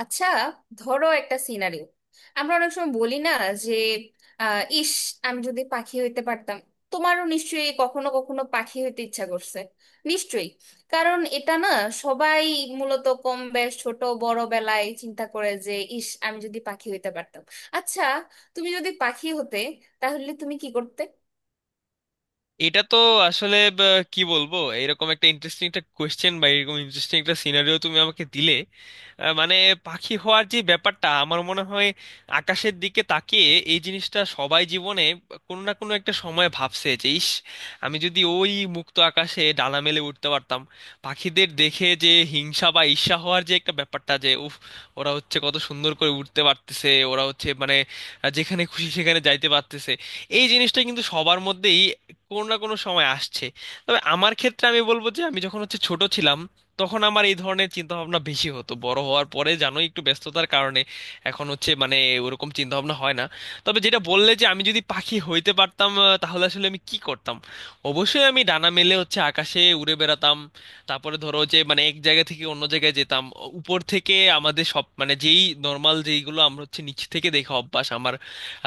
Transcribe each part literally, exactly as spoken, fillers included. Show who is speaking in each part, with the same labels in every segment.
Speaker 1: আচ্ছা, ধরো একটা সিনারিও। আমরা অনেক সময় বলি না যে আহ, ইস আমি যদি পাখি হইতে পারতাম। তোমারও নিশ্চয়ই কখনো কখনো পাখি হইতে ইচ্ছা করছে, নিশ্চয়ই। কারণ এটা না, সবাই মূলত কম বেশ ছোট বড় বেলায় চিন্তা করে যে ইস আমি যদি পাখি হইতে পারতাম। আচ্ছা, তুমি যদি পাখি হতে তাহলে তুমি কি করতে?
Speaker 2: এটা তো আসলে ব- কি বলবো, এরকম একটা ইন্টারেস্টিং একটা কোয়েশ্চেন বা এরকম ইন্টারেস্টিং একটা সিনারিও তুমি আমাকে দিলে। আহ, মানে পাখি হওয়ার যে ব্যাপারটা, আমার মনে হয় আকাশের দিকে তাকিয়ে এই জিনিসটা সবাই জীবনে কোনো না কোনো একটা সময় ভাবছে যে, ইস আমি যদি ওই মুক্ত আকাশে ডানা মেলে উঠতে পারতাম। পাখিদের দেখে যে হিংসা বা ঈর্ষা হওয়ার যে একটা ব্যাপারটা, যে উফ ওরা হচ্ছে কত সুন্দর করে উঠতে পারতেছে, ওরা হচ্ছে মানে আহ, যেখানে খুশি সেখানে যাইতে পারতেছে। এই জিনিসটা কিন্তু সবার মধ্যেই কোনো না কোনো সময় আসছে। তবে আমার ক্ষেত্রে আমি বলবো যে, আমি যখন হচ্ছে ছোট ছিলাম, তখন আমার এই ধরনের চিন্তা ভাবনা বেশি হতো। বড় হওয়ার পরে জানোই, একটু ব্যস্ততার কারণে এখন হচ্ছে মানে ওরকম চিন্তা ভাবনা হয় না। তবে যেটা বললে যে, আমি যদি পাখি হইতে পারতাম আহ, তাহলে আসলে আমি কি করতাম? অবশ্যই আমি ডানা মেলে হচ্ছে আকাশে উড়ে বেড়াতাম। তারপরে ধরো যে, মানে এক জায়গা থেকে অন্য জায়গায় যেতাম। উপর থেকে আমাদের সব মানে যেই নর্মাল যেইগুলো আমরা হচ্ছে নিচ থেকে দেখা অভ্যাস আমার,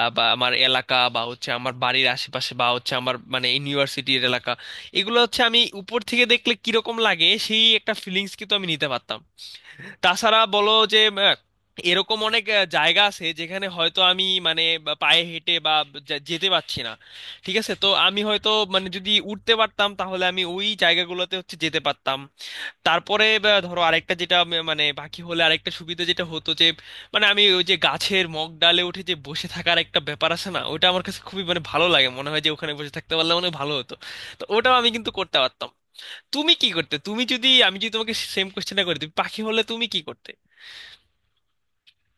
Speaker 2: আহ, বা আমার এলাকা বা হচ্ছে আমার বাড়ির আশেপাশে বা হচ্ছে আমার মানে ইউনিভার্সিটির এলাকা, এগুলো হচ্ছে আমি উপর থেকে দেখলে কিরকম লাগে সেই একটা ফিলিংস কিন্তু আমি নিতে পারতাম। তাছাড়া বলো যে আহ, এরকম অনেক আহ, জায়গা আছে যেখানে হয়তো আমি মানে বা পায়ে হেঁটে বা যা- যেতে পারছি না। ঠিক আছে, তো আমি হয়তো মানে যদি উঠতে পারতাম, তাহলে আমি ওই জায়গাগুলোতে হচ্ছে যেতে পারতাম। তারপরে বা ধরো আরেকটা যেটা আমি- মানে বাকি হলে আরেকটা সুবিধা যেটা হতো যে, মানে আমি ওই যে গাছের মগ ডালে উঠে যে বসে থাকার একটা ব্যাপার আছে না, ওটা আমার কাছে খুবই মানে ভালো লাগে। মনে হয় যে ওখানে বসে থাকতে পারলে মনে হয় ভালো হতো। তো ওটাও আমি কিন্তু করতে পারতাম। তুমি কি করতে? তুমি যদি, আমি যদি তোমাকে সেম কোশ্চেনটা করে দিই, পাখি হলে তুমি কি করতে?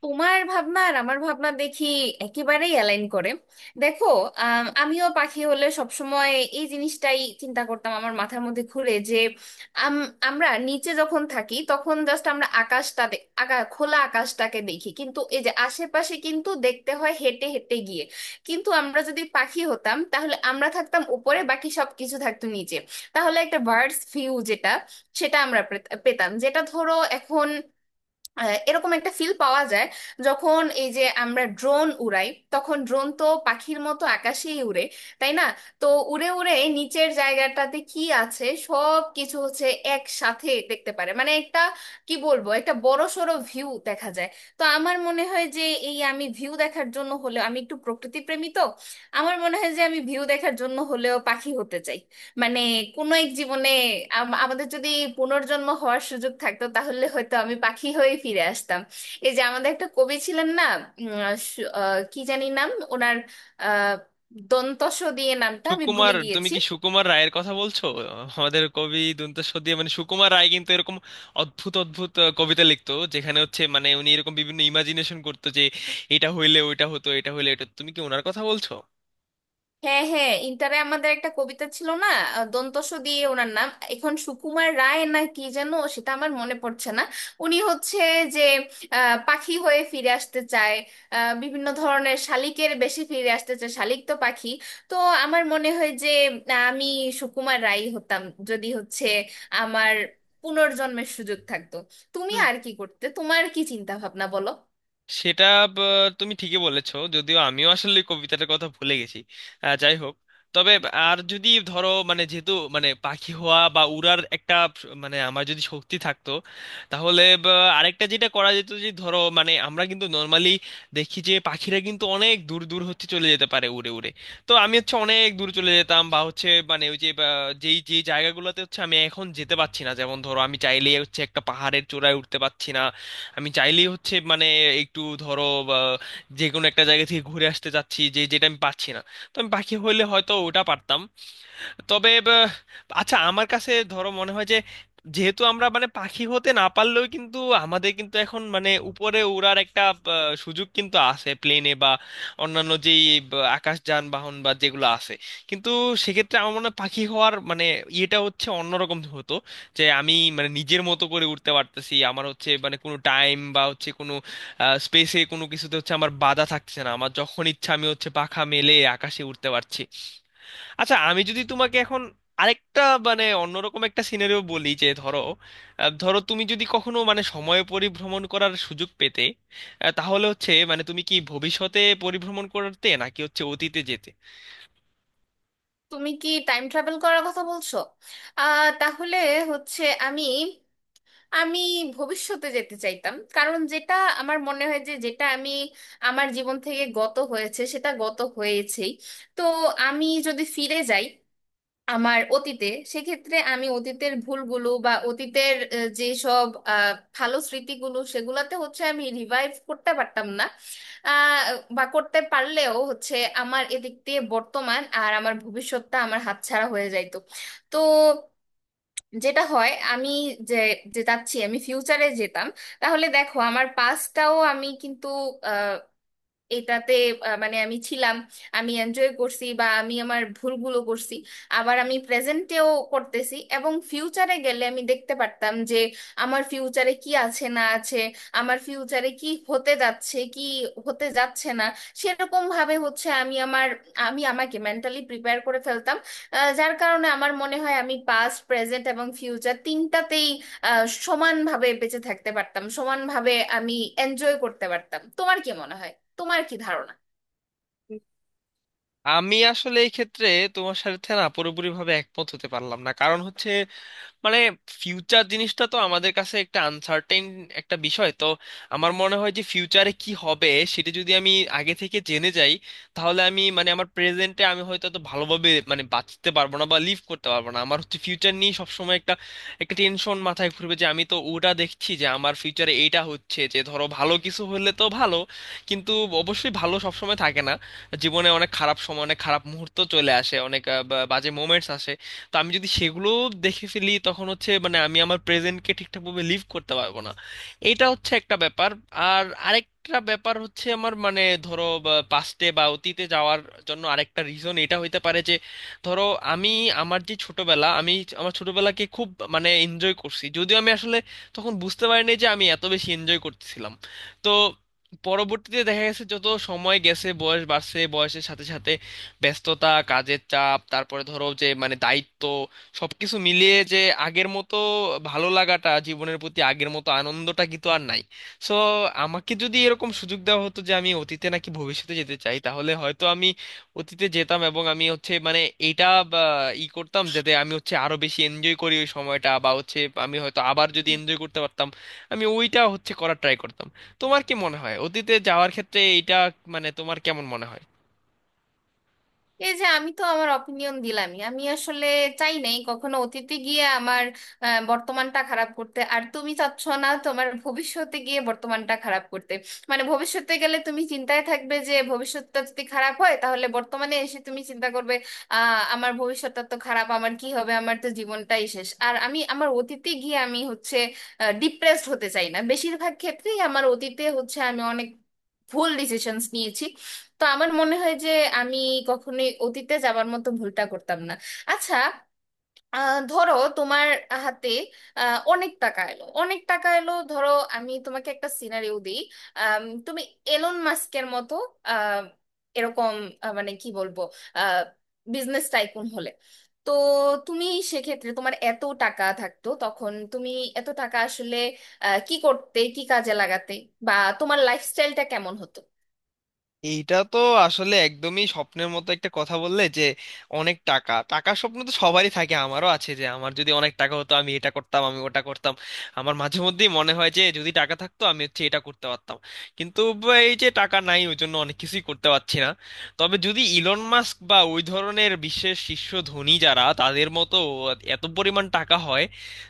Speaker 1: তোমার ভাবনা আর আমার ভাবনা দেখি একেবারেই অ্যালাইন করে। দেখো, আম, আমিও পাখি হলে সবসময় এই জিনিসটাই চিন্তা করতাম, আমার মাথার মধ্যে ঘুরে যে আম, আমরা নিচে যখন থাকি তখন জাস্ট আমরা আকাশটা দে- আকা খোলা আকাশটাকে দেখি, কিন্তু এই যে আশেপাশে কিন্তু দেখতে হয় হেঁটে হেঁটে গিয়ে। কিন্তু আমরা যদি পাখি হতাম তাহলে আমরা থাকতাম উপরে, বাকি সব কিছু থাকতো নিচে। তাহলে একটা বার্ডস ভিউ যেটা, সেটা আমরা পেত- পেতাম। যেটা ধরো এখন আহ, এরকম একটা ফিল পাওয়া যায় যখন এই যে আমরা ড্রোন উড়াই, তখন ড্রোন তো পাখির মতো আকাশেই উড়ে, তাই না? তো উড়ে উড়ে নিচের জায়গাটাতে কি আছে সব কিছু হচ্ছে একসাথে দেখতে পারে, মানে একটা কি বলবো একটা বড়সড় ভিউ দেখা যায়। তো আমার মনে হয় যে এই আমি ভিউ দেখার জন্য হলেও, আমি একটু প্রকৃতি প্রেমী তো, আমার মনে হয় যে আমি ভিউ দেখার জন্য হলেও পাখি হতে চাই। মানে কোনো এক জীবনে আম- আমাদের যদি পুনর্জন্ম হওয়ার সুযোগ থাকতো তাহলে হয়তো আমি পাখি হয়ে ফিরে আসতাম। এই যে আমাদের একটা কবি ছিলেন না, উম, আহ, সু- আহ, কি জানি নাম ওনার, আহ দন্তস দিয়ে নামটা আমি ভুলে
Speaker 2: সুকুমার, তুমি
Speaker 1: গিয়েছি।
Speaker 2: কি সুকুমার রায়ের কথা বলছো? আমাদের কবি দুন্ত সদিয়ে মানে সুকুমার রায় কিন্তু এরকম অদ্ভুত অদ্ভুত আহ, কবিতা লিখতো, যেখানে হচ্ছে মানে উনি এরকম বিভিন্ন ইমাজিনেশন করতো যে এটা হইলে ওইটা হতো, এটা হইলে এটা। তুমি কি ওনার কথা বলছো?
Speaker 1: হ্যাঁ হ্যাঁ, ইন্টারে আমাদের একটা কবিতা ছিল না, আহ, দন্তস দিয়ে ওনার নাম, এখন সুকুমার রায় না কি যেন সেটা আমার মনে পড়ছে না। উনি হচ্ছে যে আহ, পাখি হয়ে ফিরে আসতে চায়, আহ, বিভিন্ন ধরনের শালিকের বেশি ফিরে আসতে চায়, শালিক তো পাখি। তো আমার মনে হয় যে আহ, আমি সুকুমার রায় হতাম যদি হচ্ছে আমার পুনর্জন্মের সুযোগ থাকতো। তুমি আর কি করতে? তোমার কি চিন্তা ভাবনা বলো।
Speaker 2: সেটা ব- তুমি ঠিকই বলেছো, যদিও আমিও আসলে কবিতাটার কথা ভুলে গেছি। আহ, যাই হোক, তবে আর যদি ধরো মানে যেহেতু মানে পাখি হওয়া বা উড়ার একটা স- মানে আমার যদি শক্তি থাকতো, তাহলে ব- আরেকটা যেটা করা যেত যে, ধরো মানে আমরা কিন্তু নর্মালি দেখি যে পাখিরা কিন্তু অনেক দূর দূর হচ্ছে চলে যেতে পারে উড়ে উড়ে। তো আমি হচ্ছে অনেক দূর চলে যেতাম, বা হচ্ছে মানে ওই যে বা, যেই যেই জায়গাগুলোতে হচ্ছে আমি এখন যেতে পারছি না, যেমন ধরো আমি চাইলেই হচ্ছে একটা পাহাড়ের চূড়ায় উঠতে পারছি না। আমি চাইলেই হচ্ছে মানে একটু ধরো বা যে কোনো একটা জায়গা থেকে ঘুরে আসতে চাচ্ছি যে, যেটা আমি পাচ্ছি না, তো আমি পাখি হইলে হয়তো ওটা পারতাম। তবে ব- আচ্ছা আমার কাছে ধরো মনে হয় যে যেহেতু আমরা মানে পাখি হতে না পারলেও কিন্তু আমাদের কিন্তু এখন মানে উপরে উড়ার একটা আহ, সুযোগ কিন্তু আছে, প্লেনে বা অন্যান্য যেই ব- আকাশ যানবাহন বা যেগুলো আছে, কিন্তু সেক্ষেত্রে আমার মনে হয় পাখি হওয়ার মানে ইয়েটা হচ্ছে অন্যরকম হতো। যে আমি মানে নিজের মতো করে উঠতে পারতেছি, আমার হচ্ছে মানে কোনো টাইম বা হচ্ছে কোনো স্পেসে কোনো কিছুতে হচ্ছে আমার বাধা থাকছে না, আমার যখন ইচ্ছা আমি হচ্ছে পাখা মেলে আকাশে উঠতে পারছি। আচ্ছা আমি যদি তোমাকে এখন আরেকটা মানে অন্যরকম একটা সিনারিও বলি যে ধরো, আহ, ধরো তুমি যদি কখনো মানে সময় পরিভ্রমণ করার সুযোগ পেতে, আহ, তাহলে হচ্ছে মানে তুমি কি ভবিষ্যতে পরিভ্রমণ করতে নাকি হচ্ছে অতীতে যেতে?
Speaker 1: তুমি কি টাইম ট্রাভেল করার কথা বলছো? আহ তাহলে হচ্ছে আমি আমি ভবিষ্যতে যেতে চাইতাম, কারণ যেটা আমার মনে হয় যে যেটা আমি আমার জীবন থেকে গত হয়েছে সেটা গত হয়েছেই। তো আমি যদি ফিরে যাই আমার অতীতে, সেক্ষেত্রে আমি অতীতের ভুলগুলো বা অতীতের আহ, যেসব আহ, ভালো স্মৃতিগুলো সেগুলাতে হচ্ছে আমি রিভাইভ করতে পারতাম না। আহ, বা করতে পারলেও হচ্ছে আমার এদিক দিয়ে বর্তমান আর আমার ভবিষ্যৎটা আমার হাতছাড়া হয়ে যাইতো। তো যেটা হয় আমি, যে যে যাচ্ছি, আমি ফিউচারে যেতাম, তাহলে দেখো আমার পাস্টটাও আমি কিন্তু এটাতে আহ, মানে আমি ছিলাম, আমি এনজয় করছি বা আমি আমার ভুলগুলো করছি, আবার আমি প্রেজেন্টেও করতেছি, এবং ফিউচারে গেলে আমি দেখতে পারতাম যে আমার ফিউচারে কি আছে না আছে, আমার ফিউচারে কি হতে যাচ্ছে কি হতে যাচ্ছে না। সেরকম ভাবে হচ্ছে আমি আমার, আমি আমাকে মেন্টালি প্রিপেয়ার করে ফেলতাম। আহ, যার কারণে আমার মনে হয় আমি পাস্ট, প্রেজেন্ট এবং ফিউচার তিনটাতেই আহ, সমানভাবে বেঁচে থাকতে পারতাম, সমানভাবে আমি এনজয় করতে পারতাম। তোমার কি মনে হয়? তোমার কি ধারণা?
Speaker 2: আমি আসলে এই ক্ষেত্রে তোমার সাথে না পুরোপুরিভাবে একমত হতে পারলাম না, কারণ হচ্ছে মানে ফিউচার জিনিসটা তো আমাদের কাছে একটা আনসার্টেন একটা বিষয় তো। আমার মনে হয় যে ফিউচারে কি হবে সেটা যদি আমি আগে থেকে জেনে যাই, তাহলে আমি মানে আমার প্রেজেন্টে আমি হয়তো তো ভালোভাবে মানে বাঁচতে পারবো না বা লিভ করতে পারবো না। আমার হচ্ছে ফিউচার নিয়ে সবসময় একটা একটা টেনশন মাথায় ঘুরবে যে, আমি তো ওটা দেখছি যে আমার ফিউচারে এইটা হচ্ছে যে ধরো ভালো কিছু হলে তো ভালো, কিন্তু অবশ্যই ভালো সবসময় থাকে না। জীবনে অনেক খারাপ সময়, অনেক খারাপ মুহূর্ত চলে আসে, অনেক আহ, বা- বাজে মোমেন্টস আসে। তো আমি যদি সেগুলো দেখে ফেলি, তখন হচ্ছে মানে আমি আমার প্রেজেন্টকে ঠিকঠাকভাবে লিভ করতে পারবো না। এটা হচ্ছে একটা ব্যাপার। আর আরেকটা ব্যাপার হচ্ছে আমার মানে ধরো পাস্টে বা অতীতে যাওয়ার জন্য আরেকটা রিজন এটা হইতে পারে যে, ধরো আমি আমার যে ছোটবেলা, আমি আমার ছোটবেলাকে খুব মানে এনজয় করছি, যদিও আমি আসলে তখন বুঝতে পারিনি যে আমি এত বেশি এনজয় করতেছিলাম। তো পরবর্তীতে দেখা গেছে যত সময় গেছে বয়স বাড়ছে, বয়সের সাথে সাথে ব্যস্ততা, কাজের চাপ, তারপরে ধরো যে মানে দায়িত্ব, সবকিছু মিলিয়ে যে আগের মতো ভালো লাগাটা জীবনের প্রতি আগের মতো আনন্দটা কিন্তু আর নাই। সো আমাকে যদি এরকম সুযোগ দেওয়া হতো যে আমি অতীতে নাকি ভবিষ্যতে যেতে চাই, তাহলে হয়তো আমি অতীতে যেতাম এবং আমি হচ্ছে মানে এইটা বা ই করতাম, যাতে আমি হচ্ছে আরো বেশি এনজয় করি ওই সময়টা, বা হচ্ছে আমি হয়তো আবার যদি
Speaker 1: হুম।
Speaker 2: এনজয় করতে পারতাম, আমি ওইটা হচ্ছে করার ট্রাই করতাম। তোমার কি মনে হয় অতীতে যাওয়ার ক্ষেত্রে এইটা মানে তোমার কেমন মনে হয়?
Speaker 1: এই যে আমি তো আমার অপিনিয়ন দিলামই, আমি আসলে চাই নাই কখনো অতীতে গিয়ে আমার আহ, বর্তমানটা খারাপ করতে, আর তুমি চাচ্ছ না তোমার ভবিষ্যতে গিয়ে বর্তমানটা খারাপ করতে। মানে ভবিষ্যতে গেলে তুমি চিন্তায় থাকবে যে ভবিষ্যৎটা যদি খারাপ হয় তাহলে বর্তমানে এসে তুমি চিন্তা করবে আহ আমার ভবিষ্যৎটা তো খারাপ, আমার কি হবে, আমার তো জীবনটাই শেষ। আর আমি আমার অতীতে গিয়ে আমি হচ্ছে ডিপ্রেসড হতে চাই না, বেশিরভাগ ক্ষেত্রেই আমার অতীতে হচ্ছে আমি অনেক ভুল ডিসিশনস নিয়েছি। তো আমার মনে হয় যে আমি কখনোই অতীতে যাবার মতো ভুলটা করতাম না। আচ্ছা, আহ, ধরো তোমার হাতে আহ, অনেক টাকা এলো, অনেক টাকা এলো, ধরো আমি তোমাকে একটা সিনারিও দিই। আম, তুমি এলন মাস্কের মতো আহ, এরকম আহ, মানে কি বলবো বিজনেস টাইকুন হলে, তো তুমি সেক্ষেত্রে তোমার এত টাকা থাকতো, তখন তুমি এত টাকা আসলে আহ, কি করতে, কি কাজে লাগাতে, বা তোমার লাইফস্টাইলটা কেমন হতো?
Speaker 2: এইটা তো আসলে একদমই স্বপ্নের মতো একটা কথা বললে যে অনেক টাকা। টাকার স্বপ্ন তো সবারই থাকে, আমারও আছে যে আমার যদি অনেক টাকা হতো আমি এটা করতাম আমি ওটা করতাম। আমার মাঝে মধ্যেই মনে হয় যে যদি টাকা থাকতো আমি হচ্ছে এটা করতে পারতাম, কিন্তু ব- এই যে টাকা নাই, ওই জন্য অনেক কিছুই করতে পারছি না। তবে যদি ইলন মাস্ক বা ওই ধরনের বিশ্বের শীর্ষ ধনী যারা তাদের মতো এত পরিমাণ টাকা হয়,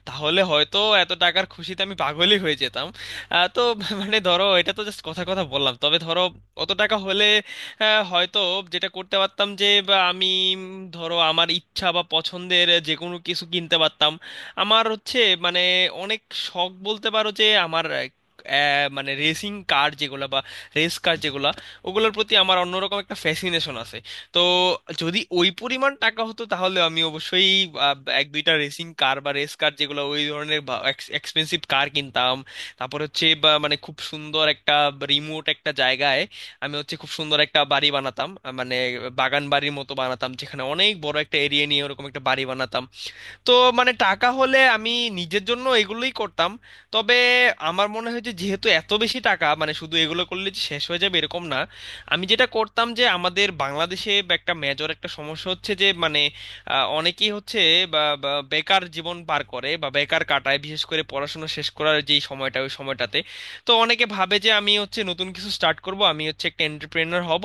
Speaker 2: তাহলে হয়তো এত টাকার খুশিতে আমি পাগলই হয়ে যেতাম। আহ, তো মানে ধরো এটা তো জাস্ট কথা কথা বললাম। তবে ধরো কত টাকা হলে আহ, হয়তো যেটা করতে পারতাম যে, বা আমি উম, ধরো আমার ইচ্ছা বা পছন্দের যে কোনো কিছু কিনতে পারতাম। আমার হচ্ছে মানে অনেক শখ বলতে পারো যে আমার আহ, মানে রেসিং কার যেগুলো বা রেস কার যেগুলো, ওগুলোর প্রতি আমার অন্যরকম একটা ফ্যাসিনেশন আছে। তো যদি ওই পরিমাণ টাকা হতো তাহলে আমি অবশ্যই আহ, এক দুইটা রেসিং কার বা রেস কার যেগুলো ওই ধরনের এক্সপেন্সিভ কার কিনতাম। তারপর হচ্ছে বা মানে খুব সুন্দর একটা রিমোট একটা জায়গায় আমি হচ্ছে খুব সুন্দর একটা বাড়ি বানাতাম, আহ, মানে বাগান বাড়ির মতো বানাতাম, যেখানে অনেক বড় একটা এরিয়া নিয়ে ওরকম একটা বাড়ি বানাতাম। তো মানে টাকা হলে আমি নিজের জন্য এগুলোই করতাম। তবে আমার মনে হয় যে যেহেতু এত বেশি টাকা মানে শুধু এগুলো করলে যে শেষ হয়ে যাবে এরকম না। আমি যেটা করতাম যে, আমাদের বাংলাদেশে একটা মেজর একটা সমস্যা হচ্ছে যে মানে আহ, অনেকেই হচ্ছে বা বা বেকার জীবন পার করে বা বেকার কাটায়, বিশেষ করে পড়াশোনা শেষ করার যেই সময়টা, ওই সময়টাতে। তো অনেকে ভাবে যে আমি হচ্ছে নতুন কিছু স্টার্ট করব, আমি হচ্ছে একটা এন্টারপ্রেনার হব,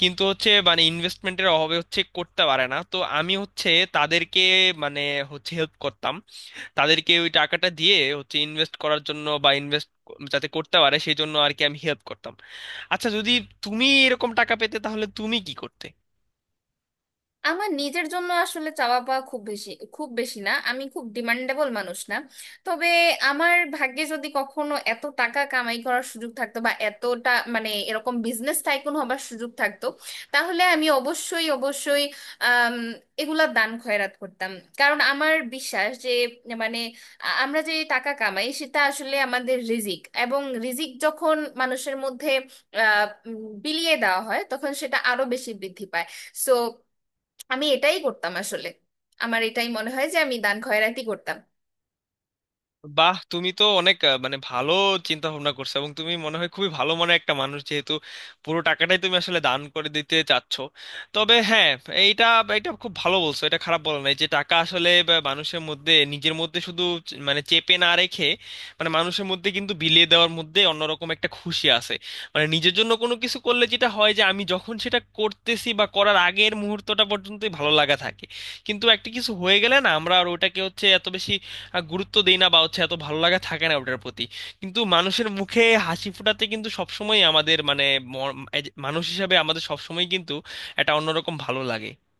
Speaker 2: কিন্তু হচ্ছে মানে ইনভেস্টমেন্টের অভাবে হচ্ছে করতে পারে না। তো আমি হচ্ছে তাদেরকে মানে হচ্ছে হেল্প করতাম, তাদেরকে ওই টাকাটা দিয়ে হচ্ছে ইনভেস্ট করার জন্য বা ইনভেস্ট যাতে করতে পারে সেই জন্য আর কি, আমি হেল্প করতাম। আচ্ছা যদি তুমি এরকম টাকা পেতে, তাহলে তুমি কি করতে?
Speaker 1: আমার নিজের জন্য আসলে চাওয়া পাওয়া খুব বেশি, খুব বেশি না, আমি খুব ডিমান্ডেবল মানুষ না। তবে আমার ভাগ্যে যদি কখনো এত টাকা কামাই করার সুযোগ থাকতো বা এতটা মানে এরকম বিজনেস টাইকুন হবার সুযোগ থাকতো, তাহলে আমি অবশ্যই অবশ্যই আম, এগুলা দান খয়রাত করতাম। কারণ আমার বিশ্বাস যে মানে আ- আমরা যে টাকা কামাই সেটা আসলে আমাদের রিজিক, এবং রিজিক যখন মানুষের মধ্যে আহ, উম, বিলিয়ে দেওয়া হয় তখন সেটা আরো বেশি বৃদ্ধি পায়। সো আমি এটাই করতাম আসলে, আমার এটাই মনে হয় যে আমি দান খয়রাতি করতাম।
Speaker 2: বাহ, তুমি তো অনেক আহ, মানে ভালো চিন্তা ভাবনা করছো এবং তুমি মনে হয় খুবই ভালো মনের একটা মানুষ, যেহেতু পুরো টাকাটাই তুমি আসলে দান করে দিতে চাচ্ছ। তবে হ্যাঁ, এইটা এটা খুব ভালো বলছো, এটা খারাপ বলা নাই যে টাকা আসলে বা মানুষের মধ্যে নিজের মধ্যে শুধু চ- মানে চেপে না রেখে, মানে মানুষের মধ্যে কিন্তু বিলিয়ে দেওয়ার মধ্যে অন্যরকম একটা খুশি আছে। মানে নিজের জন্য কোনো কিছু করলে যেটা হয় যে, আমি যখন সেটা করতেছি বা করার আগের মুহূর্তটা পর্যন্তই ভালো লাগা থাকে, কিন্তু একটা কিছু হয়ে গেলে না আমরা আর ওটাকে হচ্ছে এত বেশি আহ, গুরুত্ব দেই না বা হচ্ছে এত ভালো লাগা থাকে না ওটার প্রতি। কিন্তু মানুষের মুখে হাসি ফোটাতে কিন্তু সবসময় আমাদের মানে ম- এই যে মানুষ হিসাবে আমাদের সবসময় কিন্তু একটা অন্যরকম ভালো লাগে।